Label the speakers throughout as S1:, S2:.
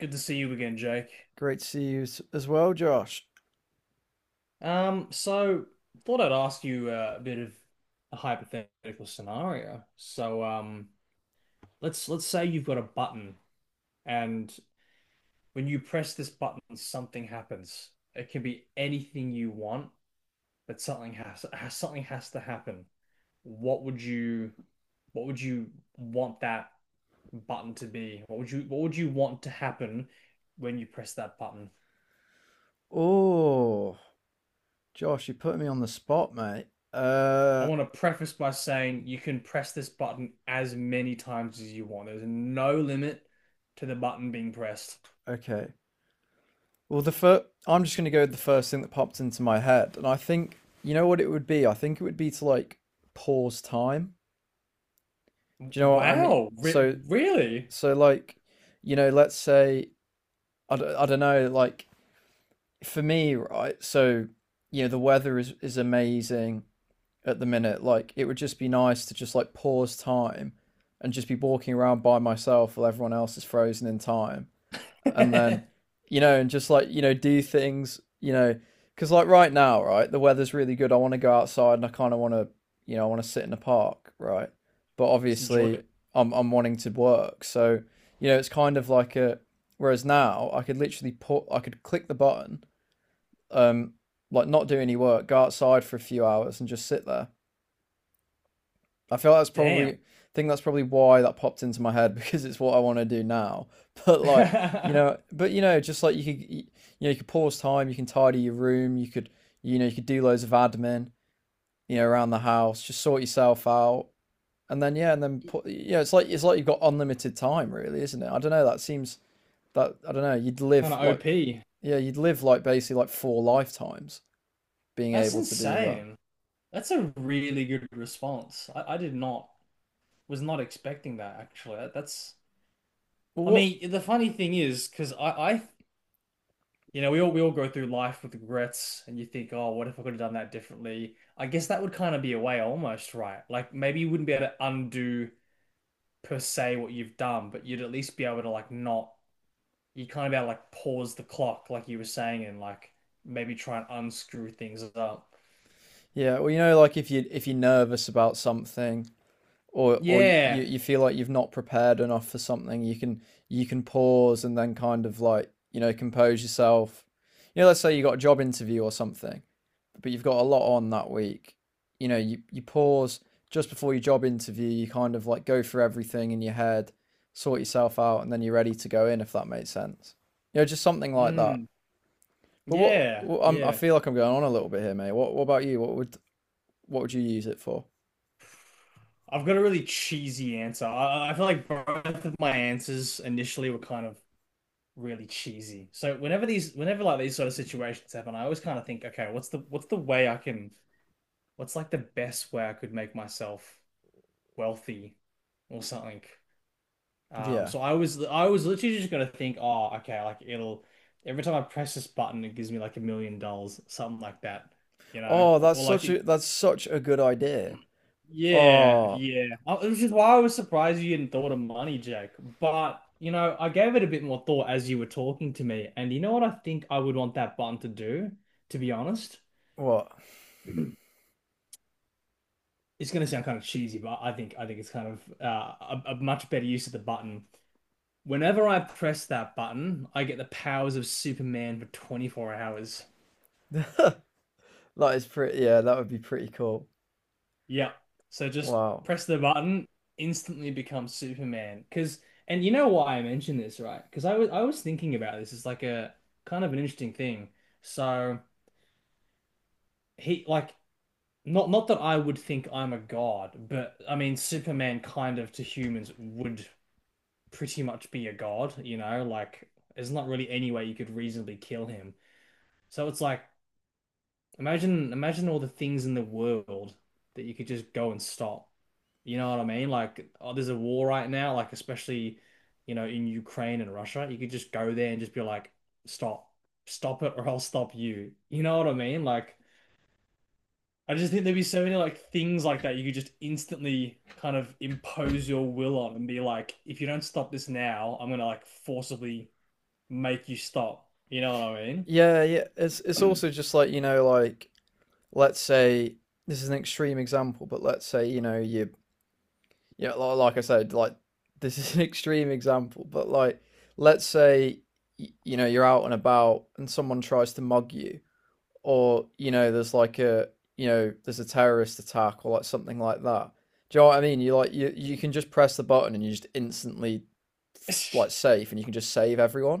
S1: Good to see you again, Jake.
S2: Great to see you as well, Josh.
S1: So thought I'd ask you a bit of a hypothetical scenario. Let's say you've got a button, and when you press this button, something happens. It can be anything you want, but something has, something has to happen. What would you what would you want that button to be? What would you want to happen when you press that button?
S2: Oh, Josh, you put me on the spot, mate.
S1: I want to preface by saying you can press this button as many times as you want. There's no limit to the button being pressed.
S2: Okay. Well, the first, I'm just gonna go with the first thing that popped into my head, and I think you know what it would be. I think it would be to like pause time. Do you know what I mean?
S1: Wow, Re
S2: So,
S1: really?
S2: so like, you know, let's say I don't know. Like for me, right? So you know, the weather is amazing at the minute. Like it would just be nice to just like pause time and just be walking around by myself while everyone else is frozen in time. And
S1: Just
S2: then, you know, and just like, you know, do things, you know, because like right now, right, the weather's really good. I want to go outside and I kind of want to, you know, I want to sit in the park, right? But
S1: enjoy
S2: obviously,
S1: it.
S2: I'm wanting to work. So, you know, it's kind of like a whereas now I could click the button, um, like not do any work, go outside for a few hours and just sit there. I feel like that's probably
S1: Damn.
S2: I think that's probably why that popped into my head because it's what I want to do now. But like you know, but you know, just like you know you could pause time, you can tidy your room, you know you could do loads of admin you know around the house, just sort yourself out, and then yeah, and then put you know it's like you've got unlimited time really, isn't it? I don't know. That seems that I don't know. You'd
S1: Kind
S2: live
S1: of
S2: like
S1: OP.
S2: yeah, you'd live like basically like four lifetimes being
S1: That's
S2: able to do that.
S1: insane. That's a really good response. I did not, was not expecting that actually.
S2: Well,
S1: I
S2: what?
S1: mean, the funny thing is, because I we all go through life with regrets, and you think, oh, what if I could have done that differently? I guess that would kind of be a way, almost, right? Like maybe you wouldn't be able to undo per se what you've done, but you'd at least be able to like not, you kind of be able to like pause the clock, like you were saying, and like maybe try and unscrew things up.
S2: Yeah, well, you know, like if you're nervous about something, or
S1: Yeah,
S2: you feel like you've not prepared enough for something, you can pause and then kind of like, you know, compose yourself. You know, let's say you got a job interview or something, but you've got a lot on that week. You know, you pause just before your job interview, you kind of like go through everything in your head, sort yourself out, and then you're ready to go in if that makes sense. You know, just something like that.
S1: mm.
S2: But
S1: Yeah,
S2: I
S1: yeah.
S2: feel like I'm going on a little bit here, mate. What about you? What would you use it for?
S1: I've got a really cheesy answer. I feel like both of my answers initially were kind of really cheesy. So whenever like these sort of situations happen, I always kind of think, okay, what's the way I can what's like the best way I could make myself wealthy or something.
S2: Yeah.
S1: I was literally just gonna think, oh, okay, like it'll every time I press this button, it gives me like $1 million, something like that, you know,
S2: Oh,
S1: or like it.
S2: that's such a good idea.
S1: Yeah,
S2: Oh,
S1: yeah. It was just why I was surprised you hadn't thought of money, Jake. But, you know, I gave it a bit more thought as you were talking to me. And you know what I think I would want that button to do, to be honest?
S2: what?
S1: It's going to sound kind of cheesy, but I think it's kind of a much better use of the button. Whenever I press that button, I get the powers of Superman for 24 hours.
S2: That is pretty, yeah, that would be pretty cool.
S1: Yeah. So just
S2: Wow.
S1: press the button, instantly become Superman. Cause and you know why I mentioned this, right? Because I was thinking about this. It's like a kind of an interesting thing. So he like not that I would think I'm a god, but I mean Superman kind of to humans would pretty much be a god, you know, like there's not really any way you could reasonably kill him. So it's like. Imagine, imagine all the things in the world that you could just go and stop. You know what I mean? Like, oh, there's a war right now, like especially, you know, in Ukraine and Russia. You could just go there and just be like, stop, stop it, or I'll stop you. You know what I mean? Like, I just think there'd be so many like things like that you could just instantly kind of impose your will on and be like, if you don't stop this now, I'm gonna like forcibly make you stop. You know what I mean?
S2: Yeah, yeah. It's also just like, you know, like let's say this is an extreme example, but let's say, you know, you yeah, like I said, like this is an extreme example, but like let's say you know, you're out and about and someone tries to mug you or you know there's like a you know there's a terrorist attack or like something like that. Do you know what I mean? You can just press the button and you just instantly like safe and you can just save everyone.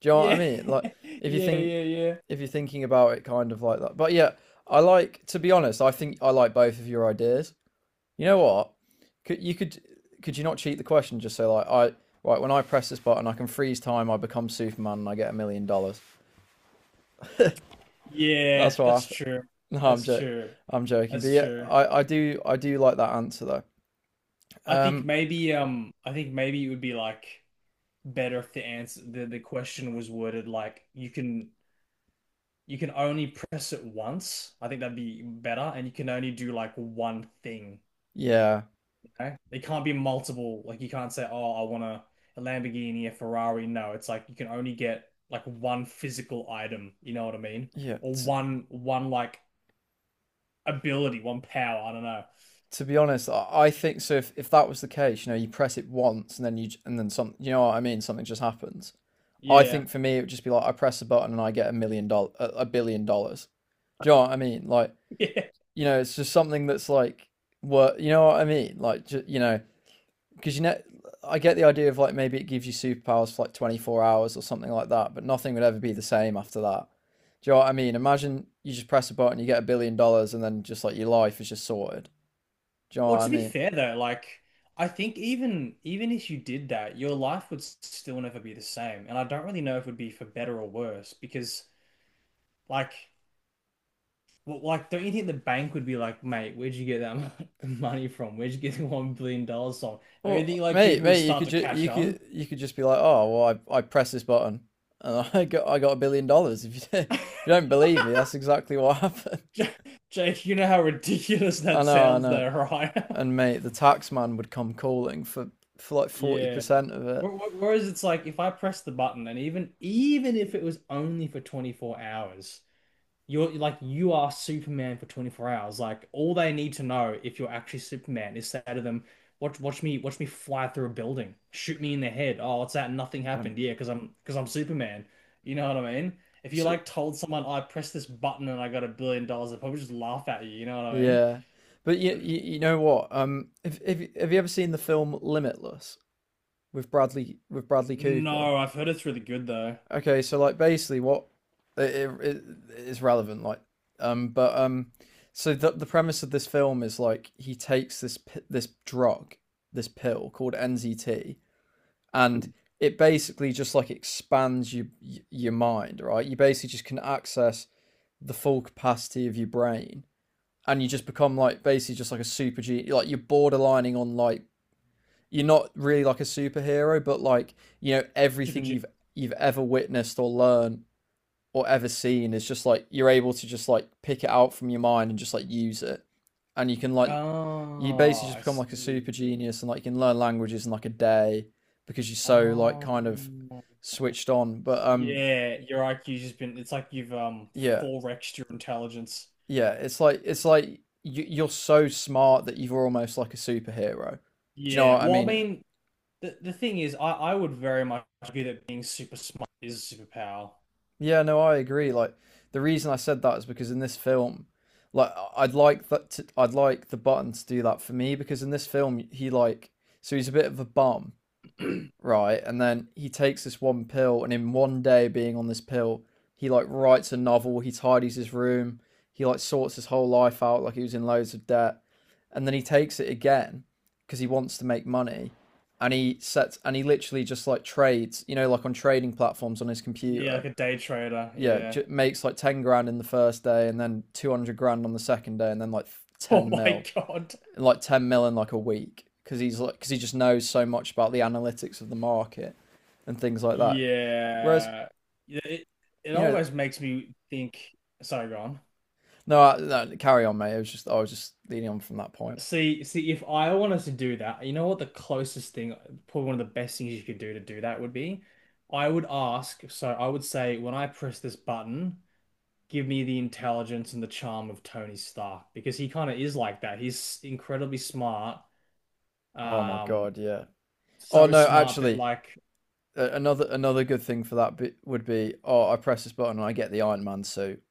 S2: Do you know what I
S1: Yeah.
S2: mean? Like if you
S1: Yeah,
S2: think
S1: yeah, yeah.
S2: if you're thinking about it kind of like that, but yeah, I like to be honest, I think I like both of your ideas. You know what, could you could could you not cheat the question, just say like, I, right when I press this button, I can freeze time, I become Superman, and I get $1 million.
S1: Yeah,
S2: That's what I,
S1: that's true.
S2: no,
S1: That's true.
S2: I'm joking, but
S1: That's
S2: yeah,
S1: true.
S2: I do like that answer though. Um,
S1: I think maybe it would be like better if the question was worded like you can only press it once. I think that'd be better and you can only do like one thing,
S2: yeah,
S1: okay? It can't be multiple. Like you can't say, "Oh, I want a Lamborghini, a Ferrari." No, it's like you can only get like one physical item, you know what I mean?
S2: yeah.
S1: Or
S2: T-
S1: one like ability, one power, I don't know.
S2: to be honest, I think so. If that was the case, you know, you press it once and then you and then some, you know what I mean? Something just happens. I
S1: Yeah.
S2: think for me, it would just be like I press a button and I get $1 million, $1 billion. Do you know what I mean? Like, you know, it's just something that's like, what, you know what I mean? Like, you know, because you know I get the idea of like maybe it gives you superpowers for like 24 hours or something like that, but nothing would ever be the same after that. Do you know what I mean? Imagine you just press a button, you get $1 billion, and then just like your life is just sorted. Do you know what
S1: Well,
S2: I
S1: to be
S2: mean?
S1: fair though, like I think even if you did that, your life would still never be the same. And I don't really know if it would be for better or worse because like, well, like don't you think the bank would be like, mate, where'd you get money from? Where'd you get the $1 billion from? Don't you
S2: Well,
S1: think like
S2: mate,
S1: people would
S2: mate, you
S1: start
S2: could
S1: to catch on?
S2: you could just be like, oh, well, I press this button and I got $1 billion. If you if you don't believe me, that's exactly what happened.
S1: J- Jake, you know how ridiculous
S2: I
S1: that
S2: know, I
S1: sounds
S2: know.
S1: though, right?
S2: And mate, the tax man would come calling for like forty
S1: Yeah.
S2: percent of it.
S1: Whereas it's like if I press the button and even if it was only for 24 hours. You're like you are Superman for 24 hours. Like all they need to know if you're actually Superman is say to them, watch me fly through a building. Shoot me in the head. Oh, what's that? Nothing
S2: Um,
S1: happened. Yeah, because I'm Superman. You know what I mean? If you
S2: so
S1: like told someone, I pressed this button and I got a billion dollars, they'd probably just laugh at you, you know what I mean?
S2: Yeah, but you know what? If have you ever seen the film Limitless with Bradley Cooper?
S1: No, I've heard it's really good though.
S2: Okay, so like basically what it, it, it's relevant like but so the premise of this film is like he takes this this drug, this pill called NZT, and it basically just like expands your mind, right? You basically just can access the full capacity of your brain and you just become like basically just like a super G. Like you're borderlining on like you're not really like a superhero, but like you know
S1: Super
S2: everything
S1: G.
S2: you've ever witnessed or learned or ever seen is just like you're able to just like pick it out from your mind and just like use it, and you can like you basically
S1: Oh,
S2: just
S1: I
S2: become like a
S1: see.
S2: super genius, and like you can learn languages in like a day because you're so like kind of
S1: Um,
S2: switched on. But
S1: yeah, your IQ's just been, it's like you've
S2: yeah,
S1: 4x'd your intelligence.
S2: yeah, it's like you, you're so smart that you're almost like a superhero. Do you know
S1: Yeah,
S2: what I
S1: well, I
S2: mean?
S1: mean, the thing is, I would very much argue that being super smart is a superpower.
S2: Yeah, no, I agree. Like the reason I said that is because in this film, like I'd like the button to do that for me because in this film he like so he's a bit of a bum, right? And then he takes this one pill, and in one day being on this pill, he like writes a novel, he tidies his room, he like sorts his whole life out, like he was in loads of debt, and then he takes it again because he wants to make money, and he sets and he literally just like trades, you know, like on trading platforms on his
S1: Yeah,
S2: computer.
S1: like a day trader.
S2: Yeah,
S1: Yeah.
S2: makes like 10 grand in the first day, and then 200 grand on the second day, and then like
S1: Oh
S2: ten
S1: my
S2: mil
S1: God.
S2: like 10 mil in like a week because he's like because he just knows so much about the analytics of the market and things like that, whereas
S1: Yeah. Yeah, It it
S2: you know
S1: almost makes me think. Sorry, go on.
S2: no, no, carry on mate, it was just I was just leading on from that point.
S1: See, if I wanted to do that, you know what the closest thing, probably one of the best things you could do to do that would be? I would ask, so I would say, when I press this button, give me the intelligence and the charm of Tony Stark because he kind of is like that. He's incredibly smart.
S2: Oh my
S1: Um,
S2: god, yeah. Oh
S1: so
S2: no,
S1: smart that
S2: actually,
S1: like
S2: another good thing for that bit would be, oh, I press this button and I get the Iron Man suit.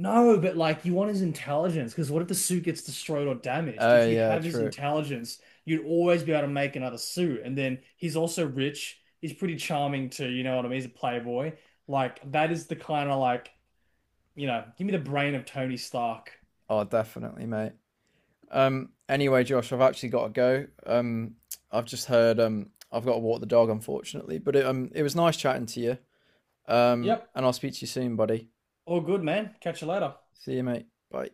S1: no, but like you want his intelligence because what if the suit gets destroyed or damaged?
S2: Oh
S1: If you
S2: yeah,
S1: have his
S2: true.
S1: intelligence, you'd always be able to make another suit. And then he's also rich. He's pretty charming too, you know what I mean? He's a playboy. Like that is the kind of like, you know, give me the brain of Tony Stark.
S2: Oh definitely, mate. Anyway, Josh, I've actually got to go. I've just heard, I've got to walk the dog, unfortunately, but it, it was nice chatting to you.
S1: Yep,
S2: And I'll speak to you soon, buddy.
S1: all good, man. Catch you later.
S2: See you, mate. Bye.